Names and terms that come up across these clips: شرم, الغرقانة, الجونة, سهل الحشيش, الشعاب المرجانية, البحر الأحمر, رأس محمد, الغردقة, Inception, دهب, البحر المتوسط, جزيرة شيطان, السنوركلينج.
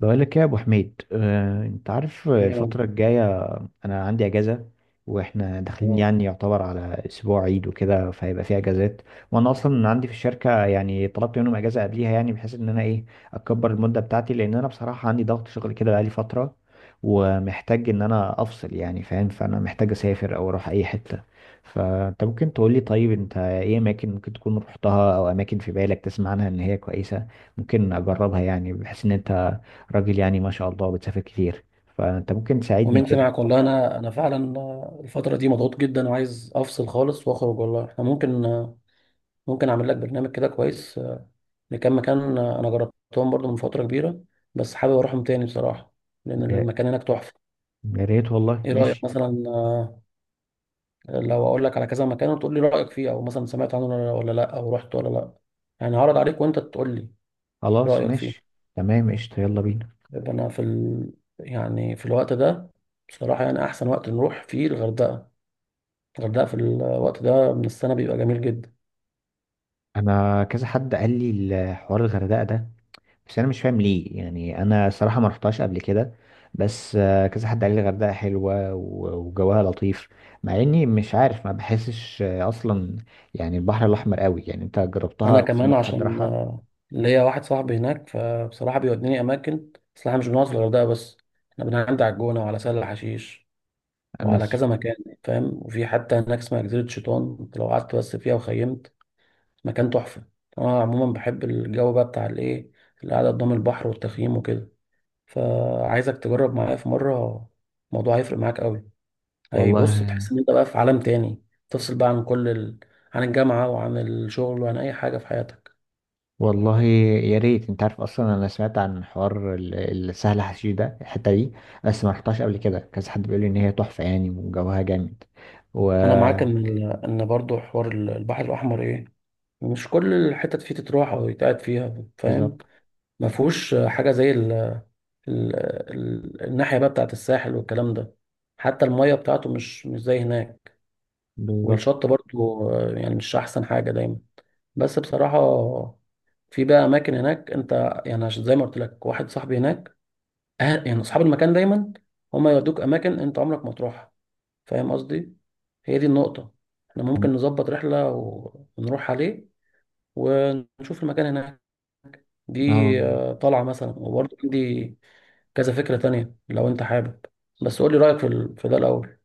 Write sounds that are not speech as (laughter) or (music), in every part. بقول لك إيه يا ابو حميد، انت عارف الفتره تمام. الجايه. انا عندي اجازه واحنا داخلين، تمام. يعني يعتبر على اسبوع عيد وكده، فهيبقى في اجازات. وانا اصلا عندي في الشركه يعني طلبت منهم اجازه قبليها، يعني بحيث ان انا ايه، اكبر المده بتاعتي، لان انا بصراحه عندي ضغط شغل كده بقالي فتره ومحتاج ان انا افصل يعني، فاهم؟ فانا محتاج اسافر او اروح اي حته. فانت ممكن تقول لي، طيب انت ايه اماكن ممكن تكون رحتها، او اماكن في بالك تسمع عنها ان هي كويسه ممكن اجربها، يعني بحيث ان انت راجل يعني ما شاء الله بتسافر كتير، فانت ممكن تساعدني ومنت كده. معك، والله انا فعلا الفتره دي مضغوط جدا وعايز افصل خالص واخرج. والله احنا ممكن، ممكن اعمل لك برنامج كده كويس لكام مكان انا جربتهم برضو من فتره كبيره، بس حابب اروحهم تاني بصراحه لان يا المكان هناك تحفه. يا ريت والله. ايه رايك ماشي. مثلا لو اقول لك على كذا مكان وتقول لي رايك فيه، او مثلا سمعت عنه ولا لا، او رحت ولا لا؟ يعني هعرض عليك وانت تقول لي خلاص رايك ماشي، فيه. تمام، قشطة، يلا بينا. يبقى انا يعني في الوقت ده بصراحه يعني احسن وقت نروح فيه الغردقه. الغردقة في الوقت ده من السنة بيبقى جميل جدا. انا كذا حد قال لي الحوار الغردقة ده، بس انا مش فاهم ليه، يعني انا صراحة ما رحتهاش قبل كده. بس كذا حد قال لي الغردقة حلوة وجوها لطيف، مع اني مش عارف، ما بحسش اصلا يعني البحر الاحمر قوي. يعني انت جربتها أنا او كمان سمعت حد عشان راحها؟ ليا واحد صاحبي هناك، فبصراحة بيوديني أماكن، بس احنا مش بنقعد في الغردقة بس، احنا بنعدي على الجونة وعلى سهل الحشيش انا وعلى س- كذا مكان، فاهم؟ وفي حتى هناك اسمها جزيرة شيطان، أنت لو قعدت بس فيها وخيمت، مكان تحفة. أنا عموما بحب الجو بقى بتاع الإيه، القعدة قدام البحر والتخييم وكده، فعايزك تجرب معايا في مرة. الموضوع هيفرق معاك أوي. اي، بص، والله. بتحس ان انت بقى في عالم تاني، تفصل بقى عن كل عن الجامعة وعن الشغل وعن اي حاجة في حياتك. يا ريت. انت عارف اصلا انا سمعت عن حوار السهل حشيش ده، الحته دي، بس ما رحتهاش قبل كده. كذا حد بيقول لي ان هي تحفه يعني وجوها جامد و... انا معاك ان برضو حوار البحر الاحمر ايه، مش كل الحتت فيه تتروح او يتقعد فيها، فاهم؟ بالظبط. ما فيهوش حاجة زي ال... الناحية بقى بتاعت الساحل والكلام ده. حتى المية بتاعته مش زي هناك. بالظبط. والشط برضو يعني مش احسن حاجة دايما، بس بصراحة في بقى أماكن هناك أنت يعني، عشان زي ما قلت لك واحد صاحبي هناك أهل يعني أصحاب المكان، دايما هما يودوك أماكن أنت عمرك ما تروحها، فاهم قصدي؟ هي دي النقطة. احنا ممكن نظبط رحلة ونروح عليه ونشوف المكان هناك اه. دي. آه، طلعة مثلا، وبرضه عندي كذا فكرة تانية لو أنت حابب، بس قول لي رأيك في, في ده الأول.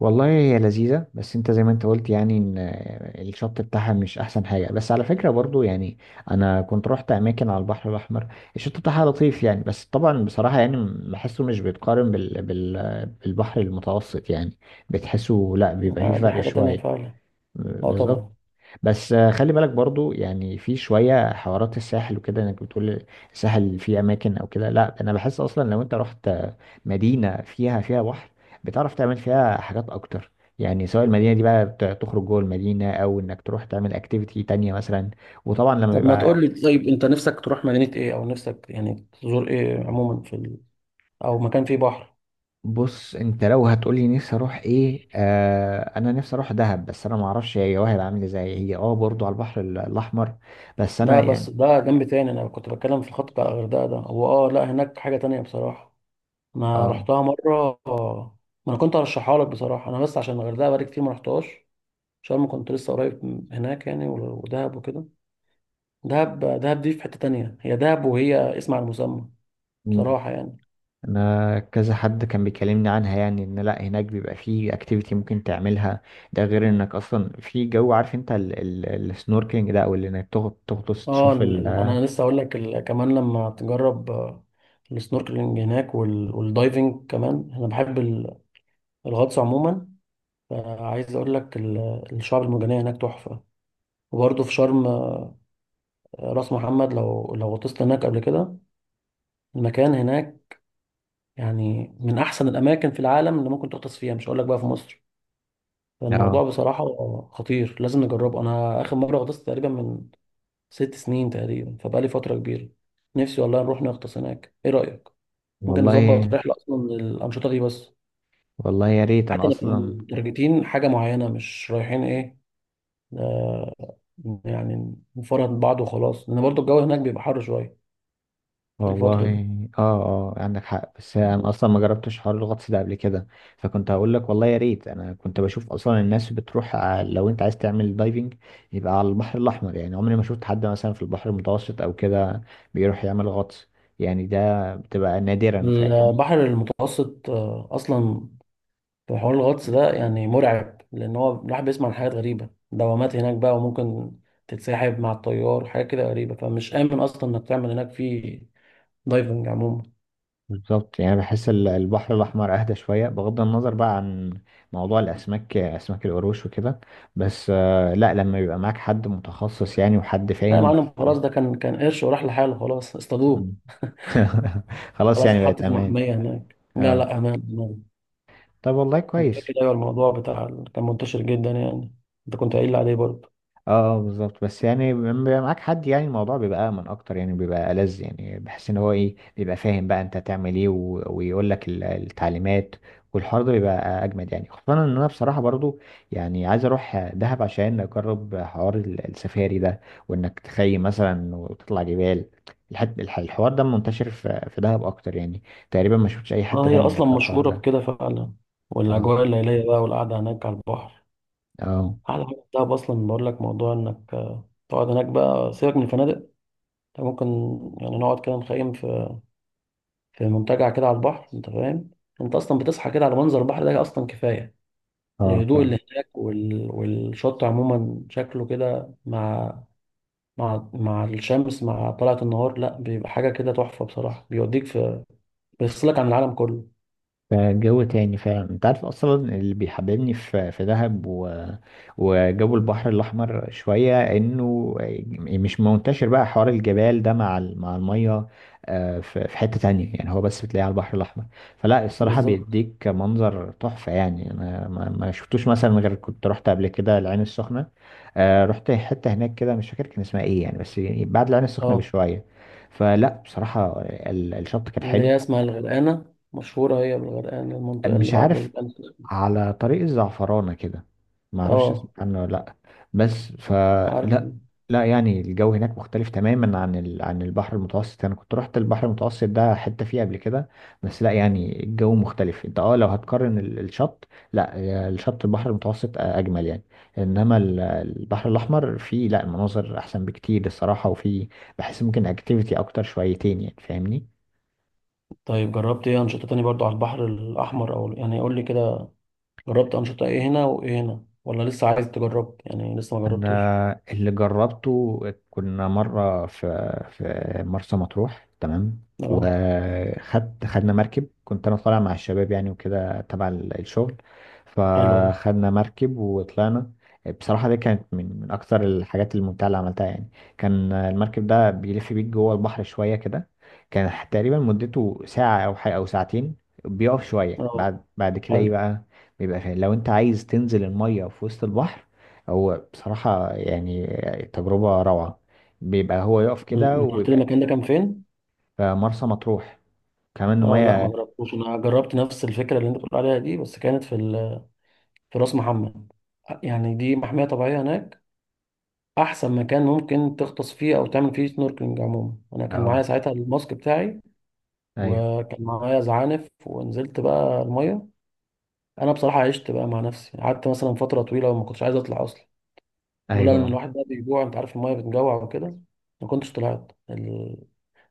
والله هي لذيذه، بس انت زي ما انت قلت يعني ان الشط بتاعها مش احسن حاجه، بس على فكره برضو يعني انا كنت رحت اماكن على البحر الاحمر الشط بتاعها لطيف يعني، بس طبعا بصراحه يعني بحسه مش بيتقارن بالبحر المتوسط يعني. بتحسه لا، بيبقى فيه آه، دي فرق حاجة تانية شويه. فعلا. اه، بالظبط. طبعا. بس خلي بالك برضو، يعني في شوية حوارات الساحل وكده انك بتقول الساحل فيه اماكن او كده. لا، انا بحس اصلا لو انت رحت مدينة فيها بحر، بتعرف تعمل فيها حاجات اكتر يعني، سواء المدينة دي بقى تخرج جوه المدينة، او انك تروح تعمل اكتيفيتي تانية مثلا. وطبعا لما طب ما بيبقى... تقول لي، طيب أنت نفسك تروح مدينة إيه، أو نفسك يعني تزور إيه عموما في أو مكان فيه بحر؟ بص، انت لو هتقولي نفسي اروح ايه، آه انا نفسي اروح دهب، بس انا معرفش هي وهي عامل ازاي. هي برضو على البحر الاحمر. بس انا لا، يعني... بس ده جنب تاني، انا كنت بتكلم في الخط بتاع الغردقه ده. هو اه، لا، هناك حاجه تانية بصراحه، انا اه رحتها مره ما انا كنت هرشحها لك بصراحه، انا بس عشان الغردقه بقالي كتير ما رحتهاش. شرم كنت لسه قريب من هناك يعني، ودهب وكده. دهب، دهب دي في حته تانية، هي دهب وهي اسم على المسمى بصراحه يعني. انا كذا حد كان بيكلمني عنها، يعني ان لا هناك بيبقى فيه اكتيفيتي ممكن تعملها. ده غير انك اصلا في جو، عارف انت السنوركلينج ده، او اللي انك تغطس اه، تشوف ال... انا لسه اقول لك، كمان لما تجرب السنوركلينج هناك وال- والدايفنج كمان، انا بحب الغطس عموما. فعايز اقول لك، الشعاب المرجانيه هناك تحفه. وبرضه في شرم، راس محمد لو غطست هناك قبل كده، المكان هناك يعني من احسن الاماكن في العالم اللي ممكن تغطس فيها، مش هقول لك بقى في مصر. فالموضوع اه. بصراحة خطير، لازم نجربه. انا اخر مرة غطست تقريبا من 6 سنين تقريبا، فبقالي فترة كبيرة. نفسي والله نروح نغطس هناك، ايه رأيك؟ ممكن نظبط والله. رحلة اصلا للأنشطة دي بس، يا ريت حتى انا نبقى اصلا. متارجتين حاجة معينة مش رايحين ايه، آه، يعني نفرهد بعض وخلاص، لان برضه الجو هناك بيبقى حر شوية في والله. الفترة دي. اه. اه، عندك حق. بس انا اصلا ما جربتش حوار الغطس ده قبل كده، فكنت هقول لك والله يا ريت. انا كنت بشوف اصلا الناس بتروح، لو انت عايز تعمل دايفنج يبقى على البحر الاحمر، يعني عمري ما شفت حد مثلا في البحر المتوسط او كده بيروح يعمل غطس، يعني ده بتبقى نادرا، فاهمني؟ البحر المتوسط اصلا في حوار الغطس ده يعني مرعب، لان هو الواحد بيسمع عن حاجات غريبه، دوامات هناك بقى، وممكن تتسحب مع التيار وحاجات كده غريبه، فمش امن اصلا انك تعمل هناك في دايفنج عموما. بالظبط، يعني بحس البحر الاحمر اهدى شويه، بغض النظر بقى عن موضوع الاسماك، اسماك القروش وكده. بس لا، لما يبقى معاك حد متخصص يعني وحد لا يا فاهم. معلم، خلاص، ده كان قرش وراح لحاله، خلاص اصطادوه. (laughs) خلاص، خلاص، يعني بقت اتحط في امان. محميه هناك. لا اه. لا، امان امان. طب والله انا كويس. فاكر، ايوه، الموضوع بتاع كان منتشر جدا يعني، انت كنت قايل لي عليه برضه. اه، بالظبط. بس يعني لما بيبقى معاك حد، يعني الموضوع بيبقى امن اكتر، يعني بيبقى ألذ، يعني بحس ان هو ايه، بيبقى فاهم بقى انت هتعمل ايه، ويقول لك التعليمات. والحوار ده بيبقى اجمد، يعني خصوصا ان انا بصراحه برضو يعني عايز اروح دهب عشان اجرب حوار السفاري ده، وانك تخيم مثلا وتطلع جبال. الحوار ده منتشر في دهب اكتر يعني، تقريبا ما شفتش اي اه، حته هي تانية اصلا في الحوار مشهوره ده. بكده فعلا، اه. والاجواء الليليه بقى والقعده هناك على البحر. اه. احلى حاجه في دهب اصلا، بقول لك، موضوع انك تقعد هناك بقى، سيبك من الفنادق. انت ممكن يعني نقعد كده، نخيم في في منتجع كده على البحر، انت فاهم؟ انت اصلا بتصحى كده على منظر البحر ده اصلا كفايه. اه. الهدوء اللي هناك والشط عموما شكله كده مع مع الشمس مع طلعة النهار، لا بيبقى حاجه كده تحفه بصراحه. بيوديك في، بيفصلك عن العالم كله. فجو تاني فعلا. انت عارف اصلا اللي بيحببني في دهب و... وجو البحر الاحمر شويه، انه مش منتشر بقى حوار الجبال ده مع الميه في في حته تانية يعني، هو بس بتلاقيه على البحر الاحمر. فلا الصراحه بالظبط. بيديك منظر تحفه يعني، انا ما شفتوش مثلا غير كنت رحت قبل كده العين السخنه. رحت حته هناك كده، مش فاكر كان اسمها ايه يعني، بس يعني بعد العين السخنه اه، بشويه. فلا بصراحه الشط كان اللي حلو. هي اسمها الغرقانه، مشهوره هي بالغرقانه، المنطقه اللي مش بعد عارف. على طريق الزعفرانة كده، ما اعرفش اسمه اه، عنه ولا لا. بس عارف. فلا، لا يعني الجو هناك مختلف تماما عن عن البحر المتوسط. انا كنت رحت البحر المتوسط ده حتة فيه قبل كده، بس لا يعني الجو مختلف. انت اه لو هتقارن الشط، لا الشط البحر المتوسط اجمل يعني، انما البحر الاحمر فيه لا مناظر احسن بكتير الصراحة، وفيه بحس ممكن اكتيفيتي اكتر شويتين، يعني فاهمني؟ طيب، جربت ايه انشطة تاني برضو على البحر الاحمر، او يعني قول لي كده، جربت انشطة ايه هنا وايه هنا، ولا لسه عايز تجرب يعني لسه ما جربتش؟ انا اللي جربته، كنا مره في في مرسى مطروح، تمام؟ اه. خدنا مركب، كنت انا طالع مع الشباب يعني وكده تبع الشغل، حلو ده. فخدنا مركب وطلعنا. بصراحه دي كانت من اكثر الحاجات الممتعه اللي عملتها يعني. كان المركب ده بيلف بيك جوه البحر شويه كده، كان تقريبا مدته ساعه او حاجه او ساعتين، بيقف شويه، اه، بعد كده ايه حلو. بقى، بيبقى فيه لو انت عايز تنزل الميه في وسط البحر. هو بصراحة يعني تجربة روعة. بيبقى هو يقف كده انت قلت لي ويبقى... المكان ده كان فين؟ في مرسى مطروح. كمان اه، لا ما المية. جربتوش، انا جربت نفس الفكرة اللي انت بتقول عليها دي، بس كانت في في راس محمد. يعني دي محمية طبيعية هناك، احسن مكان ممكن تغطس فيه او تعمل فيه سنوركلينج عموما. انا كان معايا اه. ساعتها الماسك بتاعي، ايوه، وكان معايا زعانف ونزلت بقى المية. انا بصراحه عشت بقى مع نفسي، قعدت مثلا فتره طويله وما كنتش عايز اطلع اصلا، لولا ان ايوه. الواحد ده بيجوع، انت عارف، الميه بتجوع وكده، ما كنتش طلعت.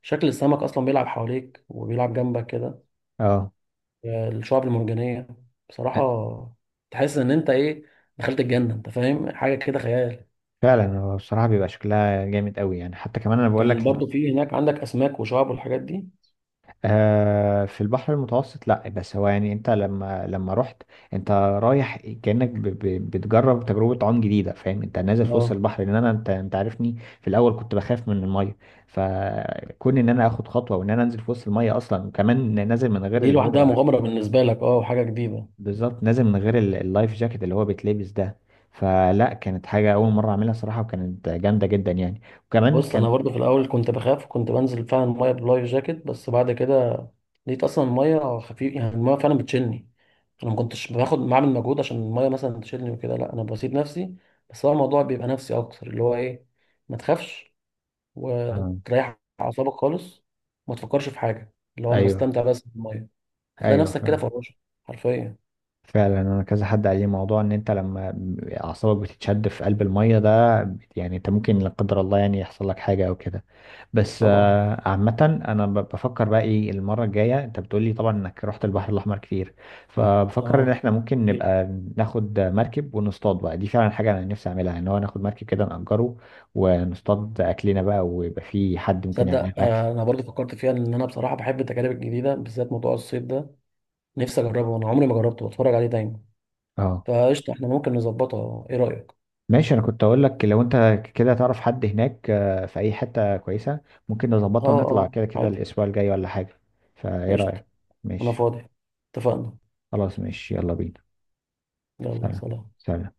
شكل السمك اصلا بيلعب حواليك وبيلعب جنبك كده، اه، الشعاب المرجانيه، بصراحه تحس ان انت ايه، دخلت الجنه، انت فاهم، حاجه كده خيال. فعلا. هو بصراحة بيبقى شكلها جامد قوي يعني، حتى كمان انا بقول كان لك برضو في هناك عندك اسماك وشعاب والحاجات دي. في البحر المتوسط لا، بس هو يعني انت لما رحت، انت رايح كأنك ب بتجرب تجربة عوم جديدة، فاهم؟ انت نازل في وسط اه، البحر. لان انا، انت عارفني في الاول كنت بخاف من المية، فكون ان انا اخد خطوة وان انا انزل في وسط المية اصلا، وكمان نازل من غير دي اللي لوحدها هو... مغامره بالنسبه لك، اه، وحاجه جديده. بالظبط، نازل من غير اللايف جاكيت اللي هو بيتلبس ده. فلا كانت حاجة اول مرة اعملها صراحة، وكانت جامدة جدا يعني. وكمان بص، كان انا برضو في الاول كنت بخاف، وكنت بنزل فعلا الميه بلايف جاكيت، بس بعد كده لقيت اصلا الميه خفيف يعني، الميه فعلا بتشيلني، انا ما كنتش باخد، بعمل مجهود عشان الميه مثلا تشيلني وكده، لا انا بسيب نفسي. بس هو الموضوع بيبقى نفسي اكتر، اللي هو ايه، ما تخافش آه. وتريح اعصابك خالص، وما تفكرش في حاجه، اللي هو انا ايوه. بستمتع بس بالميه، هتلاقي ايوه، نفسك كده فاهم. فراشه حرفيا. فعلا. انا كذا حد قال لي موضوع ان انت لما اعصابك بتتشد في قلب الميه ده، يعني انت ممكن لا قدر الله يعني يحصل لك حاجه او كده. بس طبعا. عامه انا بفكر بقى ايه المره الجايه. انت بتقول لي طبعا انك رحت البحر الاحمر كتير، فبفكر ان اه، احنا ممكن كتير. نبقى... ناخد مركب ونصطاد بقى. دي فعلا حاجه انا نفسي اعملها، ان هو ناخد مركب كده نأجره ونصطاد اكلنا بقى، ويبقى في حد ممكن يعمل لنا تصدق الاكل. انا برضو فكرت فيها، ان انا بصراحه بحب التجارب الجديده، بالذات موضوع الصيد ده نفسي اجربه، انا عمري ما جربته، بتفرج عليه دايما. فقشطة، احنا ممكن نظبطها، ايه رأيك؟ ماشي. انا كنت اقول لك لو انت كده تعرف حد هناك في اي حتة كويسة ممكن اه نظبطها ونطلع اه، كده كده عادي. الاسبوع الجاي ولا حاجة. فايه قشطة. رأيك؟ انا ماشي. فاضي. اتفقنا. خلاص ماشي، يلا بينا. يلا، سلام. سلام. سلام.